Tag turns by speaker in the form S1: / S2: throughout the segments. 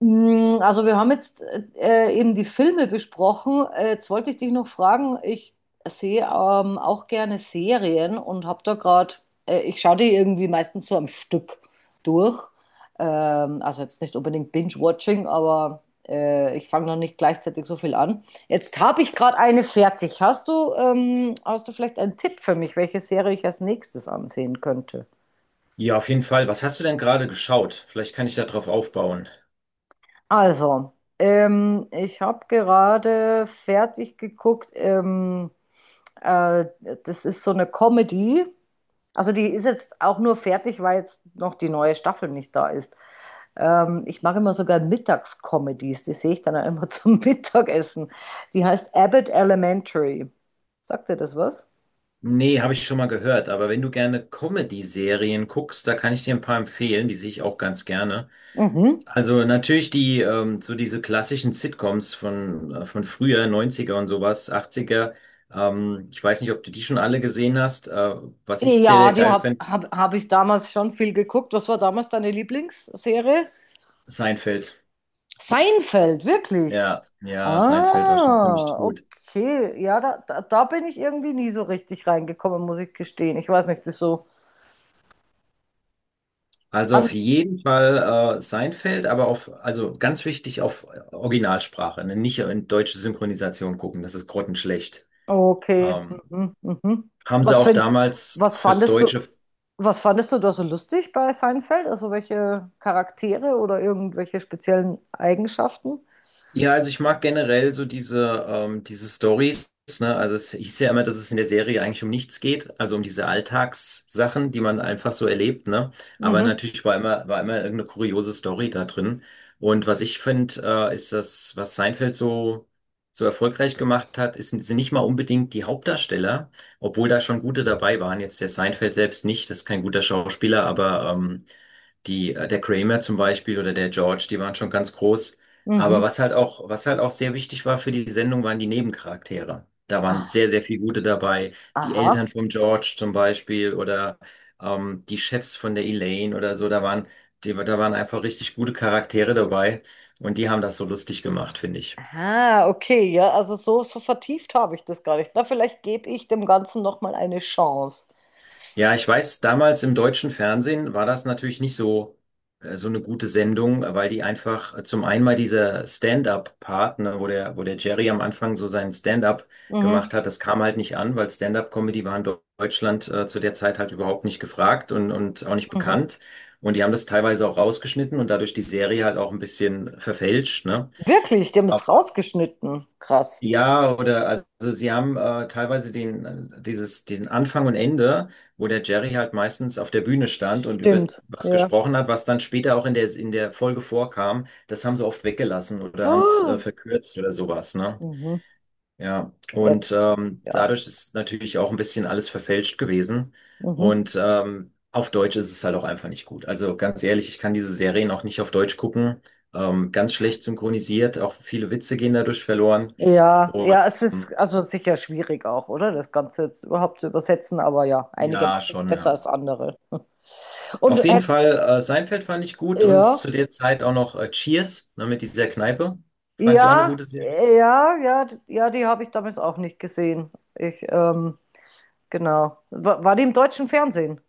S1: Also wir haben jetzt eben die Filme besprochen. Jetzt wollte ich dich noch fragen, ich sehe auch gerne Serien und habe da gerade, ich schaue die irgendwie meistens so am Stück durch. Also jetzt nicht unbedingt Binge-Watching, aber ich fange noch nicht gleichzeitig so viel an. Jetzt habe ich gerade eine fertig. Hast du vielleicht einen Tipp für mich, welche Serie ich als nächstes ansehen könnte?
S2: Ja, auf jeden Fall. Was hast du denn gerade geschaut? Vielleicht kann ich da drauf aufbauen.
S1: Also, ich habe gerade fertig geguckt. Äh, das ist so eine Comedy. Also die ist jetzt auch nur fertig, weil jetzt noch die neue Staffel nicht da ist. Ich mache immer sogar Mittagscomedies. Die sehe ich dann auch immer zum Mittagessen. Die heißt Abbott Elementary. Sagt dir das was?
S2: Nee, habe ich schon mal gehört, aber wenn du gerne Comedy-Serien guckst, da kann ich dir ein paar empfehlen, die sehe ich auch ganz gerne.
S1: Mhm.
S2: Also natürlich so diese klassischen Sitcoms von früher, 90er und sowas, 80er. Ich weiß nicht, ob du die schon alle gesehen hast. Was ich sehr,
S1: Ja,
S2: sehr
S1: die
S2: geil
S1: habe
S2: finde:
S1: hab, hab hab ich damals schon viel geguckt. Was war damals deine Lieblingsserie?
S2: Seinfeld.
S1: Seinfeld, wirklich.
S2: Ja, ja, Seinfeld war schon ziemlich
S1: Ah,
S2: gut.
S1: okay. Ja, da bin ich irgendwie nie so richtig reingekommen, muss ich gestehen. Ich weiß nicht, wieso.
S2: Also auf
S1: Fand-
S2: jeden Fall Seinfeld, aber also ganz wichtig auf Originalsprache, ne? Nicht in deutsche Synchronisation gucken, das ist grottenschlecht.
S1: Okay.
S2: Ähm,
S1: Mhm, mhm.
S2: Haben sie
S1: Was
S2: auch
S1: find, was
S2: damals fürs
S1: fandest du,
S2: Deutsche.
S1: was fandest du da so lustig bei Seinfeld? Also welche Charaktere oder irgendwelche speziellen Eigenschaften?
S2: Ja, also ich mag generell so diese Stories, ne? Also es hieß ja immer, dass es in der Serie eigentlich um nichts geht, also um diese Alltagssachen, die man einfach so erlebt, ne? Aber
S1: Mhm,
S2: natürlich war immer irgendeine kuriose Story da drin. Und was ich finde, ist das, was Seinfeld so, so erfolgreich gemacht hat, ist, sind nicht mal unbedingt die Hauptdarsteller, obwohl da schon gute dabei waren. Jetzt der Seinfeld selbst nicht, das ist kein guter Schauspieler, aber der Kramer zum Beispiel oder der George, die waren schon ganz groß. Aber
S1: mhm.
S2: was halt auch sehr wichtig war für die Sendung, waren die Nebencharaktere. Da waren
S1: Ah,
S2: sehr, sehr viele gute dabei. Die
S1: aha.
S2: Eltern von George zum Beispiel oder die Chefs von der Elaine oder so. Da waren einfach richtig gute Charaktere dabei, und die haben das so lustig gemacht, finde ich.
S1: Ah, okay, ja, also so vertieft habe ich das gar nicht. Na, vielleicht gebe ich dem Ganzen noch mal eine Chance.
S2: Ja, ich weiß, damals im deutschen Fernsehen war das natürlich nicht so eine gute Sendung, weil die einfach zum einen mal dieser Stand-up-Part, ne, wo der Jerry am Anfang so seinen Stand-up
S1: Mhm.
S2: gemacht hat. Das kam halt nicht an, weil Stand-up-Comedy war in Deutschland zu der Zeit halt überhaupt nicht gefragt und auch nicht
S1: Mhm.
S2: bekannt. Und die haben das teilweise auch rausgeschnitten und dadurch die Serie halt auch ein bisschen verfälscht, ne?
S1: Wirklich, die haben es rausgeschnitten. Krass.
S2: Ja, oder also sie haben teilweise diesen Anfang und Ende, wo der Jerry halt meistens auf der Bühne stand und über
S1: Stimmt,
S2: was
S1: ja.
S2: gesprochen hat, was dann später auch in der Folge vorkam. Das haben sie oft weggelassen oder haben es
S1: Ah,
S2: verkürzt oder sowas, ne?
S1: Mhm.
S2: Ja,
S1: Ja,
S2: und
S1: das, ja.
S2: dadurch ist natürlich auch ein bisschen alles verfälscht gewesen.
S1: Mhm.
S2: Und auf Deutsch ist es halt auch einfach nicht gut. Also ganz ehrlich, ich kann diese Serien auch nicht auf Deutsch gucken. Ganz schlecht synchronisiert, auch viele Witze gehen dadurch verloren.
S1: Ja,
S2: Und
S1: ja, es
S2: ähm,
S1: ist also sicher schwierig auch, oder? Das Ganze jetzt überhaupt zu übersetzen, aber ja, einige
S2: ja,
S1: machen es
S2: schon.
S1: besser
S2: Ja.
S1: als andere. Und
S2: Auf jeden
S1: hätt-
S2: Fall, Seinfeld fand ich gut und
S1: ja,
S2: zu der Zeit auch noch Cheers, ne, mit dieser Kneipe. Fand ich auch eine
S1: ja,
S2: gute Serie.
S1: ja, ja, ja, die habe ich damals auch nicht gesehen. Genau. War die im deutschen Fernsehen?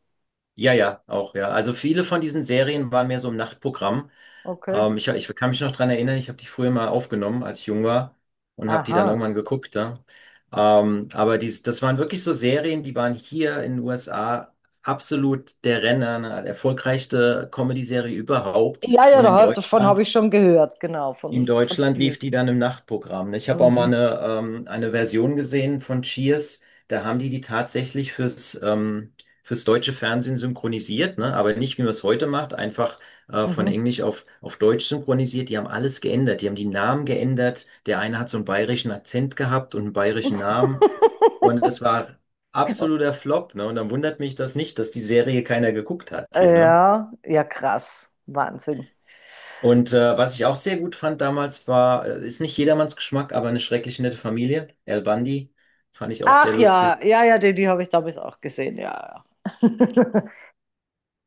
S2: Ja, ja, auch, ja. Also viele von diesen Serien waren mehr so im Nachtprogramm.
S1: Okay.
S2: Ich kann mich noch dran erinnern, ich habe die früher mal aufgenommen, als ich jung war, und habe die dann
S1: Aha.
S2: irgendwann geguckt. Ja. Aber das waren wirklich so Serien, die waren hier in den USA absolut der Renner, eine erfolgreichste Comedy-Serie überhaupt.
S1: Ja, ja,
S2: Und in
S1: davon habe ich
S2: Deutschland
S1: schon gehört, genau,
S2: in
S1: von
S2: Deutschland
S1: Cheers.
S2: lief die dann im Nachtprogramm. Ich habe auch mal
S1: Mhm.
S2: eine Version gesehen von Cheers. Da haben die die tatsächlich fürs deutsche Fernsehen synchronisiert, ne? Aber nicht, wie man es heute macht, einfach von
S1: Mhm.
S2: Englisch auf Deutsch synchronisiert. Die haben alles geändert. Die haben die Namen geändert. Der eine hat so einen bayerischen Akzent gehabt und einen bayerischen Namen. Und das war absoluter Flop, ne? Und dann wundert mich das nicht, dass die Serie keiner geguckt hat hier, ne?
S1: Ja, ja, krass. Wahnsinn.
S2: Und was ich auch sehr gut fand damals war, ist nicht jedermanns Geschmack, aber eine schrecklich nette Familie. Al Bundy fand ich auch sehr
S1: Ach ja,
S2: lustig.
S1: ja, ja, die habe ich damals auch gesehen, ja, ja.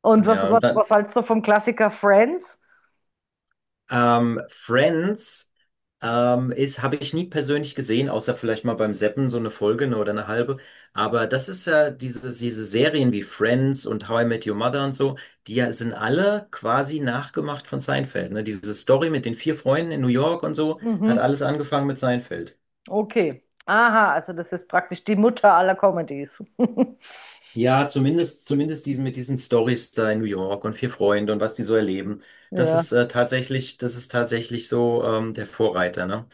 S1: Und was,
S2: Ja, und
S1: was,
S2: dann
S1: was hältst du vom Klassiker Friends?
S2: Friends habe ich nie persönlich gesehen, außer vielleicht mal beim Seppen so eine Folge, ne, oder eine halbe. Aber das ist ja diese Serien wie Friends und How I Met Your Mother und so, die ja sind alle quasi nachgemacht von Seinfeld. Ne? Diese Story mit den vier Freunden in New York und so hat
S1: Mhm.
S2: alles angefangen mit Seinfeld.
S1: Okay. Aha, also das ist praktisch die Mutter aller Comedies.
S2: Ja, zumindest mit diesen Stories da in New York und vier Freunde und was die so erleben. Das
S1: Ja,
S2: ist äh, tatsächlich, das ist tatsächlich so der Vorreiter, ne?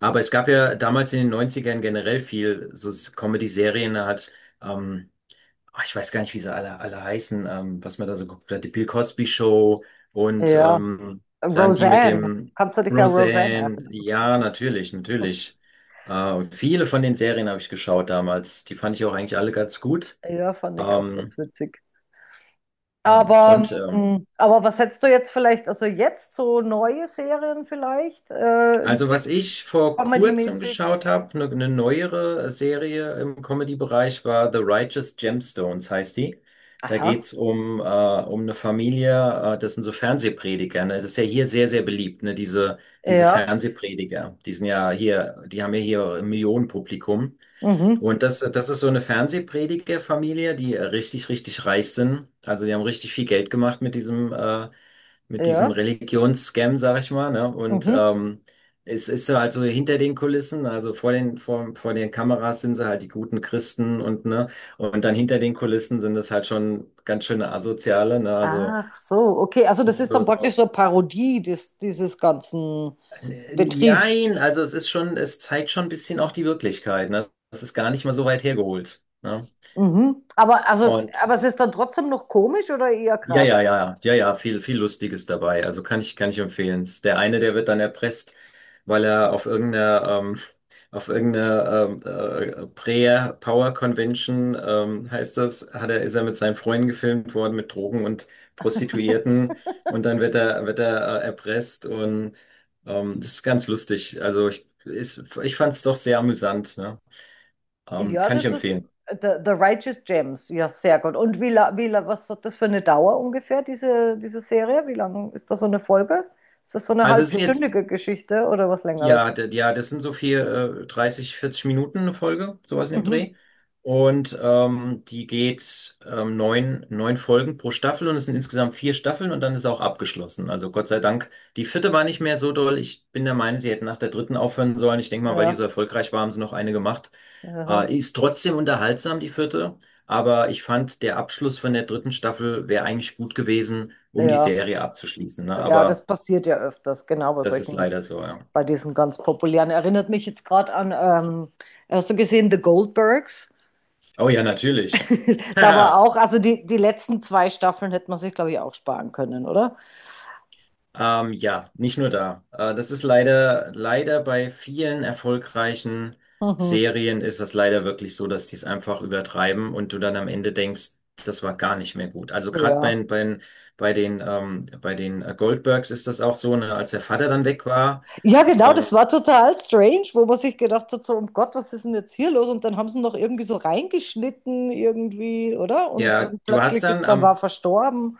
S2: Aber es gab ja damals in den 90ern generell viel so Comedy-Serien, ähm, ich weiß gar nicht, wie sie alle heißen, was man da so geguckt hat, die Bill Cosby Show und
S1: ja.
S2: dann die mit
S1: Roseanne.
S2: dem
S1: Kannst du dich ja Roseanne
S2: Roseanne.
S1: erinnern?
S2: Ja, natürlich, natürlich. Viele von den Serien habe ich geschaut damals. Die fand ich auch eigentlich alle ganz gut.
S1: Ja, fand ich auch ganz
S2: Ähm,
S1: witzig.
S2: ja,
S1: Aber,
S2: und
S1: ähm, aber was hättest du jetzt vielleicht, also jetzt so neue Serien vielleicht? Ein
S2: also
S1: Tipp,
S2: was ich vor kurzem
S1: Comedy-mäßig?
S2: geschaut habe, eine neuere Serie im Comedy-Bereich, war The Righteous Gemstones, heißt die. Da
S1: Aha,
S2: geht's um eine Familie, das sind so Fernsehprediger. Ne? Das ist ja hier sehr, sehr beliebt, ne? Diese
S1: ja,
S2: Fernsehprediger. Die haben ja hier ein Millionenpublikum.
S1: mhm,
S2: Und das ist so eine Fernsehpredigerfamilie, die richtig, richtig reich sind. Also die haben richtig viel Geld gemacht mit diesem
S1: ja,
S2: Religionsscam, sag ich mal, ne? Und
S1: mhm.
S2: es ist so halt so hinter den Kulissen, also vor den Kameras sind sie halt die guten Christen, und ne, und dann hinter den Kulissen sind das halt schon ganz schöne Asoziale, ne? Also
S1: Ach so, okay, also das ist
S2: so,
S1: dann praktisch
S2: so.
S1: so Parodie dieses ganzen Betriebs.
S2: Jein, also es ist schon, es zeigt schon ein bisschen auch die Wirklichkeit, ne? Das ist gar nicht mal so weit hergeholt, ne?
S1: Mhm. Aber, also,
S2: Und
S1: aber es ist dann trotzdem noch komisch oder eher
S2: ja, ja,
S1: krass?
S2: ja, ja, ja, viel, viel Lustiges dabei. Also kann ich empfehlen. Ist Der eine, der wird dann erpresst, weil er auf irgendeiner Prayer Power Convention, heißt das, ist er mit seinen Freunden gefilmt worden, mit Drogen und Prostituierten. Und dann wird er erpresst, und das ist ganz lustig. Also ich fand es doch sehr amüsant, ne?
S1: Ja,
S2: Kann ich
S1: das ist
S2: empfehlen.
S1: The Righteous Gems. Ja, sehr gut. Und was hat das für eine Dauer ungefähr, diese Serie? Wie lang ist das so eine Folge? Ist das so eine
S2: Also es sind jetzt.
S1: halbstündige Geschichte oder was Längeres?
S2: Ja, ja, das sind so viel, 30, 40 Minuten eine Folge, sowas in dem
S1: Mhm.
S2: Dreh. Und die geht neun Folgen pro Staffel, und es sind insgesamt vier Staffeln und dann ist auch abgeschlossen. Also Gott sei Dank, die vierte war nicht mehr so doll. Ich bin der Meinung, sie hätten nach der dritten aufhören sollen. Ich denke mal, weil die
S1: Ja,
S2: so erfolgreich war, haben sie noch eine gemacht.
S1: ja,
S2: Ist trotzdem unterhaltsam, die vierte. Aber ich fand, der Abschluss von der dritten Staffel wäre eigentlich gut gewesen, um die
S1: ja.
S2: Serie abzuschließen. Ne?
S1: Ja, das
S2: Aber
S1: passiert ja öfters, genau bei
S2: das ist
S1: solchen,
S2: leider so, ja.
S1: bei diesen ganz populären. Erinnert mich jetzt gerade an, hast du gesehen, The Goldbergs?
S2: Oh ja, natürlich.
S1: Da war
S2: Haha.
S1: auch, also die letzten zwei Staffeln hätte man sich, glaube ich, auch sparen können, oder?
S2: Ja, nicht nur da. Das ist leider, leider bei vielen erfolgreichen
S1: Mhm.
S2: Serien ist das leider wirklich so, dass die es einfach übertreiben und du dann am Ende denkst, das war gar nicht mehr gut. Also gerade
S1: Ja.
S2: bei den Goldbergs ist das auch so, ne, als der Vater dann weg war.
S1: Ja, genau,
S2: Ähm,
S1: das war total strange, wo man sich gedacht hat, so, um Gott, was ist denn jetzt hier los? Und dann haben sie noch irgendwie so reingeschnitten, irgendwie, oder? Und
S2: ja,
S1: dann
S2: du hast
S1: plötzlich
S2: dann
S1: ist dann war
S2: am,
S1: verstorben.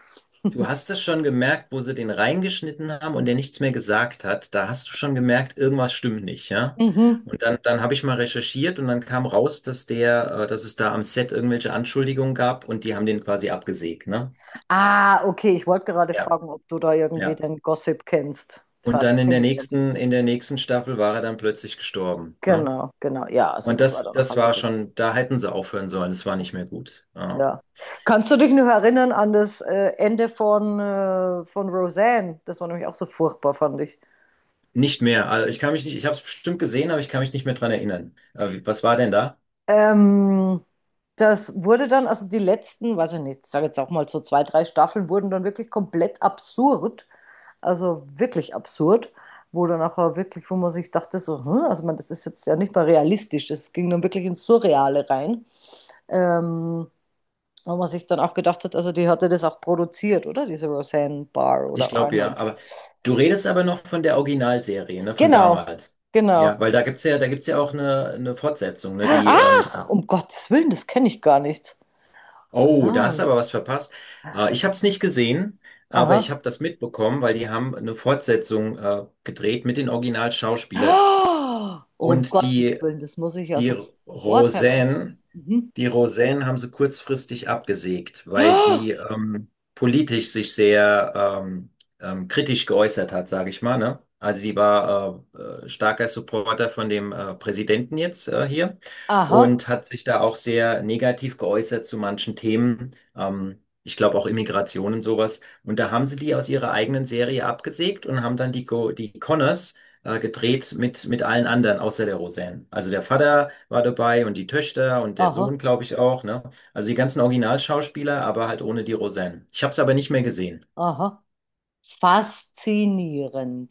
S2: Du hast es schon gemerkt, wo sie den reingeschnitten haben und der nichts mehr gesagt hat. Da hast du schon gemerkt, irgendwas stimmt nicht, ja?
S1: Mhm.
S2: Und dann habe ich mal recherchiert, und dann kam raus, dass es da am Set irgendwelche Anschuldigungen gab und die haben den quasi abgesägt, ne?
S1: Ah, okay, ich wollte gerade
S2: Ja,
S1: fragen, ob du da irgendwie
S2: ja.
S1: den Gossip kennst.
S2: Und dann in der
S1: Faszinierend.
S2: nächsten, in der nächsten Staffel war er dann plötzlich gestorben, ne?
S1: Genau, genau. Ja, also
S2: Und
S1: das war
S2: das,
S1: dann
S2: das
S1: nachher
S2: war
S1: wirklich.
S2: schon, da hätten sie aufhören sollen. Es war nicht mehr gut. Ja.
S1: Ja. Kannst du dich noch erinnern an das Ende von Roseanne? Das war nämlich auch so furchtbar, fand ich.
S2: Nicht mehr. Also ich kann mich nicht, ich habe es bestimmt gesehen, aber ich kann mich nicht mehr dran erinnern. Was war denn da?
S1: Ähm, das wurde dann, also die letzten, weiß ich nicht, ich sage jetzt auch mal so zwei, drei Staffeln, wurden dann wirklich komplett absurd. Also wirklich absurd. Wo dann nachher wirklich, wo man sich dachte, so, also man, das ist jetzt ja nicht mal realistisch. Es ging dann wirklich ins Surreale rein. Ähm, wo man sich dann auch gedacht hat, also die hatte das auch produziert, oder? Diese Roseanne Barr
S2: Ich
S1: oder
S2: glaube ja,
S1: Arnold.
S2: aber du redest aber noch von der Originalserie, ne, von
S1: Genau,
S2: damals.
S1: genau.
S2: Ja, weil da gibt's ja auch eine Fortsetzung, ne,
S1: Ach, um Gottes Willen, das kenne ich gar nicht.
S2: oh, da hast
S1: Aha,
S2: du aber was verpasst. Ich habe es nicht gesehen, aber ich
S1: aha.
S2: habe das mitbekommen, weil die haben eine Fortsetzung gedreht mit den Originalschauspielern.
S1: Oh, um
S2: Und
S1: Gottes Willen, das muss ich ja
S2: die
S1: sofort heraus.
S2: Roseanne
S1: Mhm.
S2: Die Roseanne haben sie kurzfristig abgesägt, weil
S1: Aha,
S2: die politisch sich sehr ähm, kritisch geäußert hat, sage ich mal. Ne? Also die war starker Supporter von dem Präsidenten jetzt hier, und hat sich da auch sehr negativ geäußert zu manchen Themen. Ich glaube auch Immigration und sowas. Und da haben sie die aus ihrer eigenen Serie abgesägt und haben dann die Connors gedreht mit allen anderen, außer der Roseanne. Also der Vater war dabei und die Töchter und der
S1: aha,
S2: Sohn, glaube ich, auch, ne? Also die ganzen Originalschauspieler, aber halt ohne die Roseanne. Ich habe es aber nicht mehr gesehen.
S1: aha. Faszinierend.